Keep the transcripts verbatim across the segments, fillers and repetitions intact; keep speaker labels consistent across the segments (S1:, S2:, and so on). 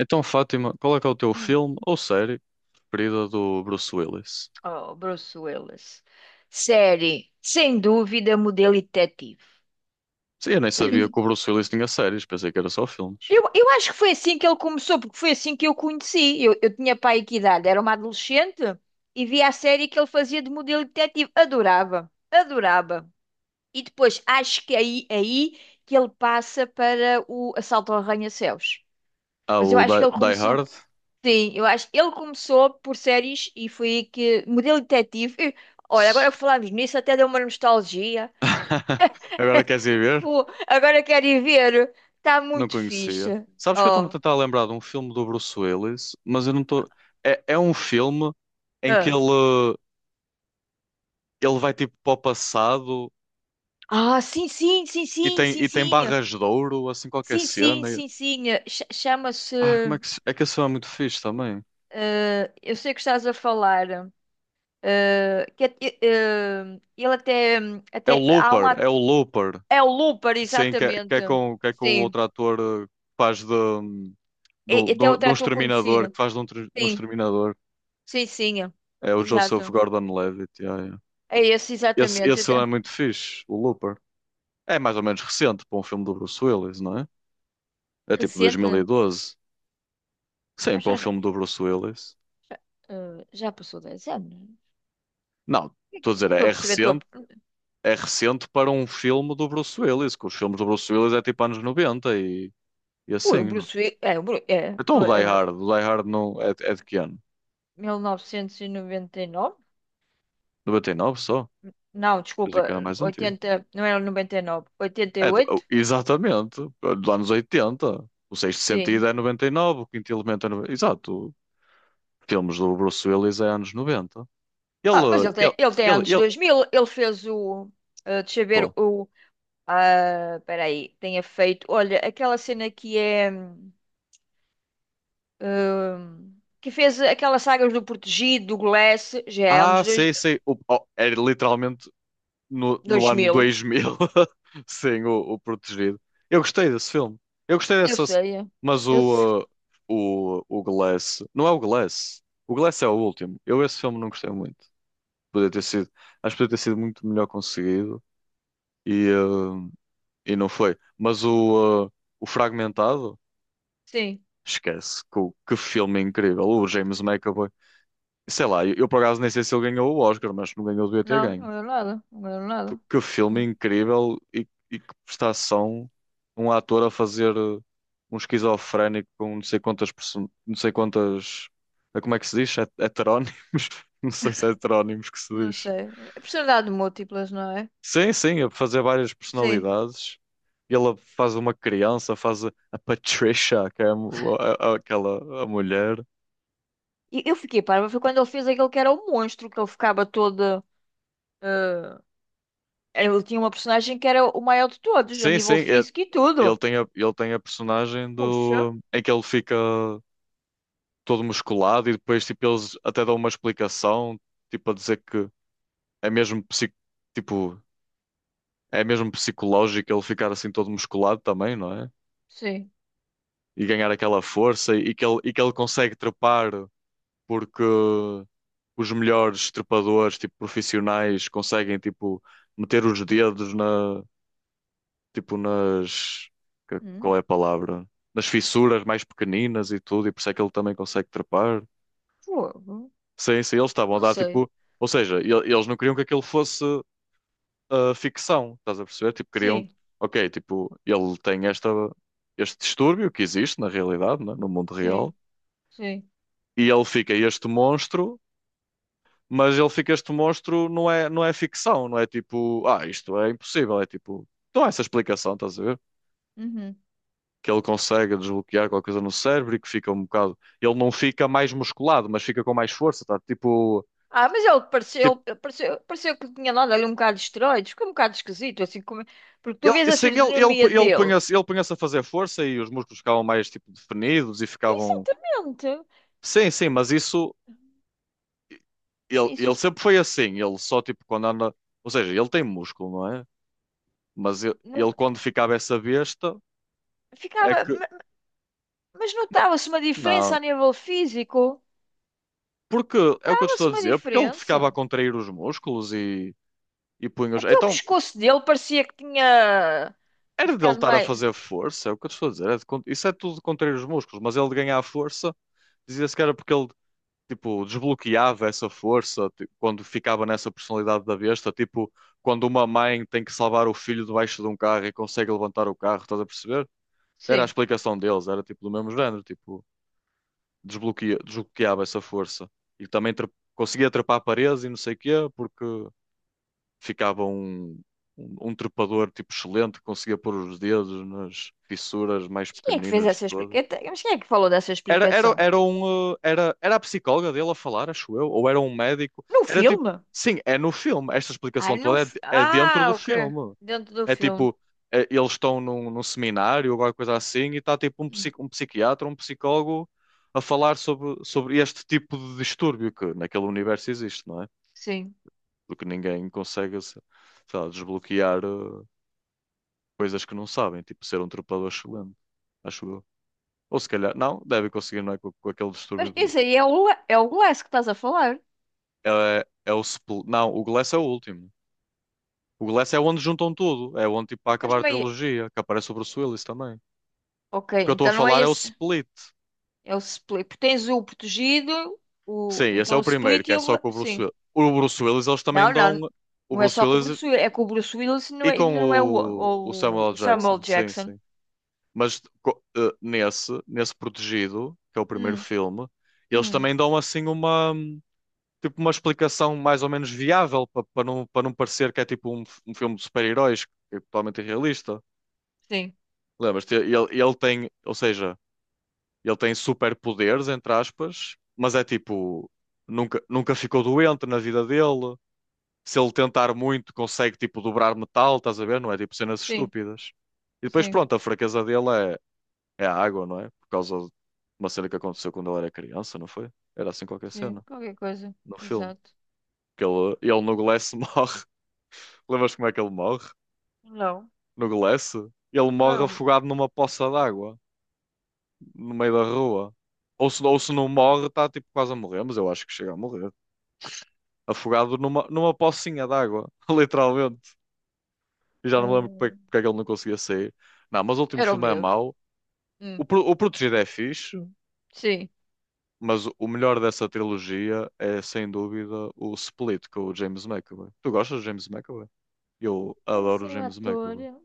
S1: Então, Fátima, qual é que é o teu
S2: Hum.
S1: filme ou série preferida do Bruce Willis?
S2: Oh, Bruce Willis. Série, sem dúvida, modelo e detetive.
S1: Sim, eu nem sabia que o Bruce Willis tinha séries, pensei que era só filmes.
S2: Eu, eu acho que foi assim que ele começou, porque foi assim que eu o conheci. Eu, eu tinha pai que idade, era uma adolescente e via a série que ele fazia de modelo e detetive. Adorava, adorava. E depois acho que aí, aí que ele passa para o Assalto ao Arranha-Céus.
S1: Ah,
S2: Mas eu
S1: o
S2: acho que
S1: Die,
S2: ele
S1: Die
S2: começou.
S1: Hard.
S2: Sim, eu acho ele começou por séries e foi aí que modelo e detetive. E, olha, agora que falamos nisso, até deu uma nostalgia.
S1: Agora queres ir ver?
S2: Fu, agora que adivinharam, tá
S1: Não
S2: muito
S1: conhecia.
S2: fixe.
S1: Sabes que eu estou-me a
S2: Ó.
S1: tentar lembrar de um filme do Bruce Willis, mas eu não estou. É, é um filme em que
S2: Ah.
S1: ele, ele vai tipo para o passado
S2: Ah, sim, sim, sim,
S1: e
S2: sim,
S1: tem,
S2: sim,
S1: e tem
S2: sim.
S1: barras de ouro, assim qualquer
S2: Sim, sim,
S1: cena.
S2: sim, sim. Ch-
S1: Ah, como é
S2: Chama-se.
S1: que. Se- É que esse filme é muito fixe também.
S2: Eh, eu sei que estás a falar. eh, que, é- eh, ele até,
S1: É o
S2: até. Há um.
S1: Looper,
S2: at-
S1: é o Looper.
S2: É o Looper,
S1: Sim, que é, que
S2: exatamente.
S1: é com, que é com o
S2: Sim.
S1: outro ator eh, que faz de, do,
S2: E, até
S1: do, de
S2: outro
S1: um
S2: ator conhecido.
S1: exterminador, que faz de um, tre- de um
S2: Sim,
S1: exterminador.
S2: sim, sim.
S1: É o Joseph
S2: Exato.
S1: Gordon-Levitt. Yeah, yeah.
S2: É esse,
S1: Esse,
S2: exatamente.
S1: esse
S2: Até-
S1: é muito fixe, o Looper. É mais ou menos recente para um filme do Bruce Willis, não é? É tipo dois mil e
S2: Recente?
S1: doze Sim,
S2: Já,
S1: para um
S2: já, já.
S1: filme do Bruce Willis.
S2: Eh, já passou dez anos.
S1: Não, estou a
S2: Eu não
S1: dizer,
S2: estou a
S1: é
S2: perceber a tua.
S1: recente. É recente para um filme do Bruce Willis, que os filmes do Bruce Willis é tipo anos noventa e, e
S2: Ui, o
S1: assim, não?
S2: Bruce
S1: é?
S2: Willis. É, o Bruce. é,
S1: Então o Die
S2: é verdade.
S1: Hard, o Die Hard não, é, é de que ano?
S2: mil novecentos e noventa e nove?
S1: noventa e nove só?
S2: Não,
S1: Eu que era
S2: desculpa.
S1: mais antigo.
S2: oitenta. Não era noventa e nove.
S1: É, do- oh,
S2: oitenta e oito?
S1: exatamente. Lá nos oitenta, O Sexto Sentido
S2: Sim.
S1: é noventa e nove, o Quinto Elemento é noventa. Exato. Filmes do Bruce Willis é anos noventa.
S2: Ah, mas
S1: Ele,
S2: ele
S1: ele,
S2: tem, ele tem
S1: ele,
S2: anos
S1: ele.
S2: dois mil. Ele fez o. Ah, deixa eu ver
S1: Qual?
S2: o. Ah, espera aí. Tenha feito. Olha, aquela cena que é. hum, hum, que fez aquelas sagas do Protegido, do Glass. Já é
S1: Ah,
S2: anos dois,
S1: sei, sei. O, oh, era literalmente no, no ano
S2: 2000.
S1: dois mil. Sim, o, o Protegido. Eu gostei desse filme. Eu gostei
S2: Eu
S1: dessa.
S2: sei. É.
S1: Mas
S2: Eu sei.
S1: o, uh, o, o Glass. Não é o Glass. O Glass é o último. Eu esse filme não gostei muito. Podia ter sido. Acho que podia ter sido muito melhor conseguido. e, eh, e não foi. Mas o, eh, o Fragmentado,
S2: Sim.
S1: esquece, que, que filme incrível. O James McAvoy, sei lá, eu, eu por acaso nem sei se ele ganhou o Oscar, mas se não ganhou, devia ter
S2: Não,
S1: ganho.
S2: não ganhou nada. Não ganhou nada.
S1: Porque que filme incrível e, e que prestação um um ator a fazer eh, um esquizofrénico com não sei quantas, perso- não sei quantas, eh, como é que se diz? Het- Heterónimos? Não sei se é heterónimos que se
S2: Não
S1: diz.
S2: sei. É personalidade de múltiplas, não é?
S1: Sim, sim, a fazer várias
S2: Sim.
S1: personalidades. E ela faz uma criança, faz a a Patricia, que é a mu- a- a- aquela a mulher.
S2: E eu fiquei parva. Foi quando ele fez aquele que era o monstro, que ele ficava todo. eh, ele tinha uma personagem que era o maior de todos, a
S1: Sim, sim,
S2: nível
S1: é-
S2: físico e
S1: ele
S2: tudo.
S1: tem a, ele tem a personagem
S2: Puxa.
S1: do, em que ele fica todo musculado e depois tipo, eles até dão uma explicação, tipo a dizer que é mesmo, psic, tipo, é mesmo psicológico ele ficar assim todo musculado também, não é?
S2: Sim.
S1: E ganhar aquela força e que ele, e que ele consegue trepar porque os melhores trepadores, tipo, profissionais, conseguem, tipo, meter os dedos na, tipo, nas, que- qual
S2: Hum,
S1: é a palavra? Nas fissuras mais pequeninas e tudo, e por isso é que ele também consegue trepar.
S2: fogo.
S1: Sim, sim, eles estavam a
S2: Não
S1: dar,
S2: sei.
S1: tipo, ou seja, ele- eles não queriam que aquilo fosse ah, ficção, estás a perceber? Tipo, queriam,
S2: Sim,
S1: ok, tipo, ele tem esta, este distúrbio que existe na realidade, né, no mundo real,
S2: sim, sim.
S1: e ele fica este monstro, mas ele fica este monstro, não é, não é ficção, não é tipo, ah, isto é impossível, é tipo, não há essa explicação, estás a ver?
S2: Uhum.
S1: Que ele consegue desbloquear qualquer coisa no cérebro e que fica um bocado, ele não fica mais musculado, mas fica com mais força, tá? Tipo,
S2: Ah, mas ele
S1: tipo
S2: pareceu, ele pareceu, pareceu que tinha dado ali um bocado de esteroides, ficou um bocado esquisito, assim como. Porque tu vês
S1: ele,
S2: a
S1: sim ele, ele,
S2: fisionomia
S1: ele
S2: dele.
S1: punha-se, ele punha-se a fazer força e os músculos ficavam mais tipo definidos e ficavam,
S2: Exatamente.
S1: sim, sim, mas isso, ele, ele
S2: Isso.
S1: sempre foi assim, ele só tipo quando anda, ou seja, ele tem músculo, não é? Mas ele,
S2: Não,
S1: ele quando ficava essa besta, é
S2: ficava,
S1: que,
S2: ma- mas notava-se uma diferença
S1: não,
S2: a nível físico.
S1: porque é o que eu te estou
S2: Notava-se
S1: a
S2: uma
S1: dizer, porque ele ficava
S2: diferença.
S1: a contrair os músculos e, e punha os.
S2: Até o
S1: Então,
S2: pescoço dele parecia que tinha
S1: era dele
S2: ficado
S1: estar a
S2: meio.
S1: fazer força, é o que eu te estou a dizer. É de con- isso é tudo de contrair os músculos, mas ele de ganhar força dizia-se que era porque ele tipo, desbloqueava essa força ti- quando ficava nessa personalidade da besta. Tipo, quando uma mãe tem que salvar o filho debaixo de um carro e consegue levantar o carro, estás a perceber? Era a
S2: Sim.
S1: explicação deles, era tipo do mesmo género, tipo, desbloqueia, desbloqueava essa força. E também tra- conseguia trepar paredes e não sei o quê, porque ficava um, um, um trepador tipo excelente, que conseguia pôr os dedos nas fissuras mais
S2: Mas quem é que fez
S1: pequeninas de
S2: essa
S1: todas.
S2: explicação? Mas quem é que falou dessa
S1: Era, era,
S2: explicação?
S1: era, um, eh, era, era a psicóloga dele a falar, acho eu, ou era um médico.
S2: No
S1: Era tipo,
S2: filme?
S1: sim, é no filme. Esta
S2: Ai,
S1: explicação
S2: no...
S1: toda é,
S2: fi-
S1: de- é dentro
S2: Ah,
S1: do
S2: ok.
S1: filme.
S2: Dentro do
S1: É
S2: filme.
S1: tipo, eh, eles estão num, num seminário, ou alguma coisa assim, e está tipo um,
S2: Hum.
S1: psico, um psiquiatra, um psicólogo a falar sobre, sobre este tipo de distúrbio que naquele universo existe, não é?
S2: Sim.
S1: Porque ninguém consegue, se- sei lá, desbloquear eh, coisas que não sabem, tipo ser um trepador excelente, acho eu. Ou se calhar, não, deve conseguir, não é? Com, com aquele
S2: Mas
S1: distúrbio.
S2: esse aí é o, Le- é o Glass que estás a falar.
S1: É, é é o. Spl- Não, o Glass é o último. O Glass é onde juntam tudo. É onde, tipo, para
S2: Mas
S1: acabar a
S2: não é.
S1: trilogia, que aparece o Bruce Willis também. O
S2: Ok,
S1: que eu estou a
S2: então não é
S1: falar é o
S2: esse.
S1: Split.
S2: É o split. Tens o protegido, o...
S1: Sim, esse é
S2: então o
S1: o primeiro,
S2: split
S1: que
S2: e
S1: é
S2: o.
S1: só
S2: gla-
S1: com o Bruce
S2: Sim.
S1: Willis. O Bruce Willis, eles também
S2: Não,
S1: dão.
S2: não.
S1: O
S2: Não é
S1: Bruce
S2: só com o
S1: Willis
S2: Bruce Willis. É com o Bruce Willis e não
S1: e
S2: é, e
S1: com
S2: não é o,
S1: o, o Samuel
S2: ou
S1: L.
S2: o
S1: Jackson.
S2: Samuel
S1: Sim,
S2: Jackson.
S1: sim. Mas co- eh, nesse, nesse Protegido, que é o primeiro
S2: Hum,
S1: filme, eles
S2: hum.
S1: também dão assim uma, tipo, uma explicação mais ou menos viável para para não, para não parecer que é tipo um, f- um filme de super-heróis, que é totalmente irrealista.
S2: Sim,
S1: Lembras-te? Ele, ele tem, ou seja, ele tem superpoderes, entre aspas, mas é tipo, nunca, nunca ficou doente na vida dele. Se ele tentar muito, consegue tipo dobrar metal, estás a ver? Não é tipo cenas
S2: sim,
S1: estúpidas. E depois,
S2: sim,
S1: pronto, a fraqueza dele é, é a água, não é? Por causa de uma cena que aconteceu quando ele era criança, não foi? Era assim qualquer
S2: sim.
S1: cena
S2: Qualquer coisa.
S1: no filme.
S2: Exato.
S1: Que ele, ele no Glass morre. Lembras como é que ele morre?
S2: Não.
S1: No Glass? Ele
S2: Não Era
S1: morre
S2: o,
S1: afogado numa poça d'água, no meio da rua. Ou se, ou se não morre, está tipo quase a morrer, mas eu acho que chega a morrer. Afogado numa, numa pocinha d'água, literalmente. E já não me lembro porque, é
S2: hum,
S1: que porque é que ele não conseguia sair. Não, mas o último
S2: era o
S1: filme é
S2: medo.
S1: mau. O,
S2: Hum,
S1: Pro- o Protegido é fixe.
S2: sim.
S1: Mas o o melhor dessa trilogia é, sem dúvida, o Split com o James McAvoy. Tu gostas do James McAvoy? Eu
S2: Era
S1: adoro o
S2: assim o
S1: James
S2: ator.
S1: McAvoy.
S2: Eu,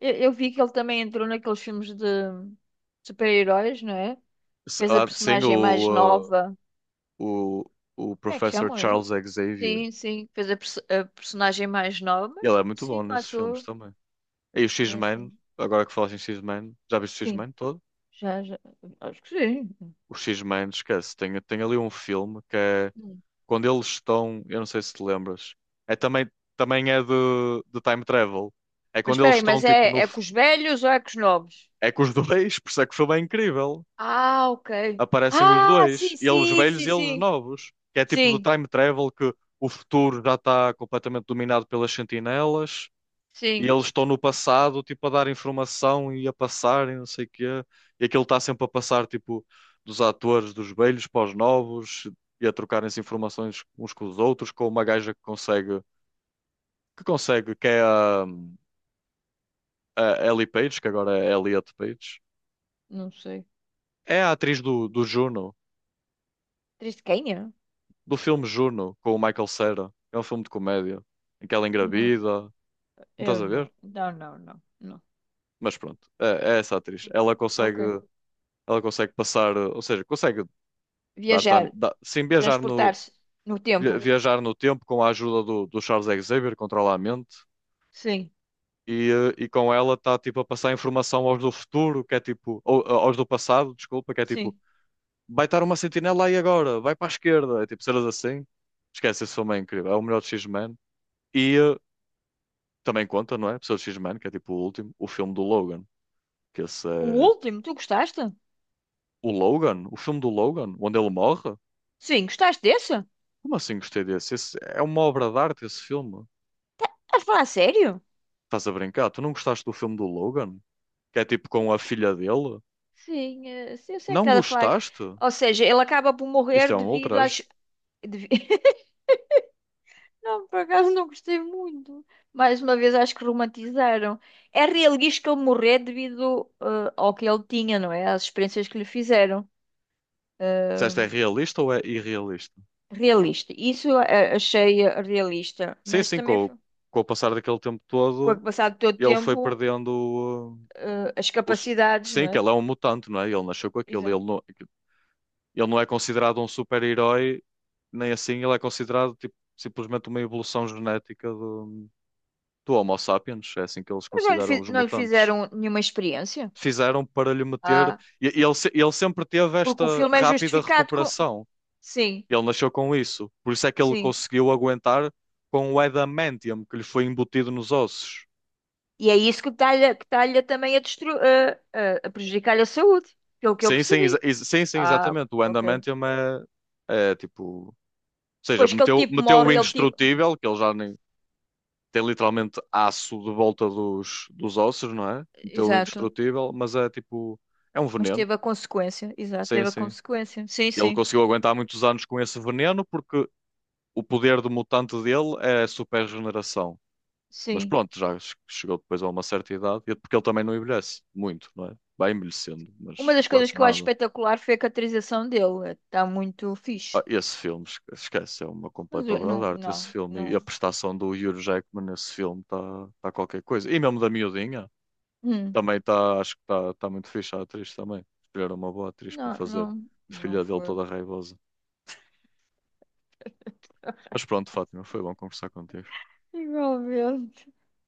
S2: eu vi que ele também entrou naqueles filmes de super-heróis, não é?
S1: S-
S2: Fez a
S1: ah, sim,
S2: personagem mais
S1: o, ah,
S2: nova.
S1: o, o
S2: Como é que
S1: Professor
S2: chamam esse?
S1: Charles Xavier.
S2: Sim, sim. Fez a, perso- a personagem mais nova.
S1: Ele é muito bom
S2: Sim, o
S1: nesses filmes
S2: ator.
S1: também. E o
S2: Não é
S1: X-Men,
S2: assim?
S1: agora que falas em X-Men, já viste o
S2: Sim.
S1: X-Men todo?
S2: Já, já. Acho que sim.
S1: O X-Men, esquece, tem, tem ali um filme que é
S2: Hum.
S1: quando eles estão, eu não sei se te lembras, é também, também é de, de time travel. É
S2: Mas
S1: quando
S2: espera
S1: eles
S2: aí,
S1: estão
S2: mas
S1: tipo
S2: é,
S1: no,
S2: é com os velhos ou é com os novos?
S1: é que os dois, por isso é que o filme é incrível.
S2: Ah, ok.
S1: Aparecem os
S2: Ah,
S1: dois,
S2: sim,
S1: eles
S2: sim,
S1: velhos
S2: sim,
S1: e eles
S2: sim.
S1: novos. Que é tipo do
S2: Sim,
S1: time travel que o futuro já está completamente dominado pelas sentinelas e
S2: sim.
S1: eles estão no passado, tipo, a dar informação e a passar e não sei o quê. E aquilo está sempre a passar, tipo, dos atores, dos velhos para os novos e a trocarem-se informações uns com os outros, com uma gaja que consegue, que consegue, que é a, a Ellie Page, que agora é Elliot Page.
S2: Não sei.
S1: É a atriz do, do Juno.
S2: Triscainha?
S1: Do filme Juno com o Michael Cera. É um filme de comédia em que ela
S2: Não,
S1: engravida. Não
S2: eu
S1: estás a ver?
S2: não. Não, não, não. Não.
S1: Mas pronto, é, é essa atriz. Ela consegue,
S2: Ok.
S1: ela consegue passar, ou seja, consegue dar
S2: Viajar,
S1: time, dar- sim, viajar no,
S2: transportar-se no tempo.
S1: vi- viajar no tempo com a ajuda do, do Charles Xavier, controla a mente.
S2: Sim,
S1: E, eh, e com ela está tipo a passar informação aos do futuro, que é tipo, ou- aos do passado, desculpa, que é tipo,
S2: sim.
S1: vai estar uma sentinela aí agora, vai para a esquerda, é tipo cenas assim. Esquece, esse filme é incrível, é o melhor de X-Men. E, eh, Também conta, não é? Pessoas X-Men, que é tipo o último, o filme do Logan. Que esse
S2: O
S1: é...
S2: último, tu gostaste?
S1: O Logan? O filme do Logan? Onde ele morre?
S2: Sim, gostaste desse?
S1: Como assim gostei desse? Esse é uma obra de arte esse filme.
S2: Estás a falar a sério?
S1: Estás a brincar? Tu não gostaste do filme do Logan? Que é tipo com a filha dele?
S2: Sim, eh, Sim, eu sei que
S1: Não
S2: estás a falar.
S1: gostaste?
S2: Ou seja, ele acaba por
S1: Isto
S2: morrer
S1: é um
S2: devido às.
S1: ultraje.
S2: devi- Não, por acaso não gostei muito. Mais uma vez, acho que romantizaram. É realista que ele morrer devido eh, ao que ele tinha, não é? Às experiências que lhe fizeram.
S1: Disseste
S2: Eh,
S1: é realista ou é irrealista?
S2: realista. Isso eh, achei realista.
S1: Sim,
S2: Mas
S1: sim,
S2: também,
S1: com, o-
S2: foi-
S1: com o passar daquele tempo
S2: com
S1: todo,
S2: o passar do todo
S1: ele foi
S2: tempo,
S1: perdendo uh,
S2: eh, as
S1: o, s-
S2: capacidades, não
S1: sim, que
S2: é?
S1: ele é um mutante, não é? Ele nasceu com aquilo.
S2: Exato.
S1: Ele não... Ele não é considerado um super-herói, nem assim ele é considerado tipo, simplesmente uma evolução genética do, do Homo sapiens. É assim que eles
S2: Mas não lhe,
S1: consideram
S2: fi-
S1: os
S2: não lhe
S1: mutantes.
S2: fizeram nenhuma experiência.
S1: Fizeram para lhe meter.
S2: Ah,
S1: e- e ele, se- ele sempre teve
S2: porque o
S1: esta
S2: filme é
S1: rápida
S2: justificado com.
S1: recuperação.
S2: Sim,
S1: Ele nasceu com isso. Por isso é que ele
S2: sim.
S1: conseguiu aguentar com o adamantium que lhe foi embutido nos ossos.
S2: E é isso que está-lhe que está-lhe também a, destru- a- a- a prejudicar a saúde, pelo que eu
S1: Sim, sim, exa-
S2: percebi.
S1: ex- sim, sim,
S2: Ah,
S1: exatamente.
S2: ok.
S1: O
S2: Ok.
S1: adamantium é, é tipo. Ou seja,
S2: Pois que ele
S1: meteu,
S2: tipo
S1: meteu o
S2: morre, ele tipo.
S1: indestrutível, que ele já nem. Tem literalmente aço de volta dos, dos ossos, não é? Então
S2: Exato.
S1: indestrutível, mas é tipo, é um
S2: Mas
S1: veneno.
S2: teve a consequência. Exato,
S1: Sim,
S2: teve a
S1: sim.
S2: consequência. Sim,
S1: Ele
S2: sim,
S1: conseguiu aguentar muitos anos com esse veneno porque o poder do mutante dele é a super regeneração. Mas
S2: sim.
S1: pronto, já che- chegou depois a uma certa idade, e- é porque ele também não envelhece muito, não é? Vai envelhecendo,
S2: Uma
S1: mas
S2: das coisas
S1: quase
S2: que eu acho
S1: nada.
S2: espetacular foi a caracterização dele. Está muito
S1: Ah,
S2: fixe.
S1: esse filme, esque- esquece, é uma
S2: Mas
S1: completa
S2: eu-
S1: obra de
S2: não,
S1: arte. Esse
S2: não,
S1: filme e a
S2: não.
S1: prestação do Hugh Jackman nesse filme está tá tá qualquer coisa. E mesmo da miudinha.
S2: Hum.
S1: Também está, acho que está está muito fixe a atriz também. Escolheram uma boa atriz para
S2: Não,
S1: fazer
S2: não,
S1: de
S2: não
S1: filha dele
S2: foi.
S1: toda raivosa. Mas pronto, Fátima, foi bom conversar contigo.
S2: Igualmente.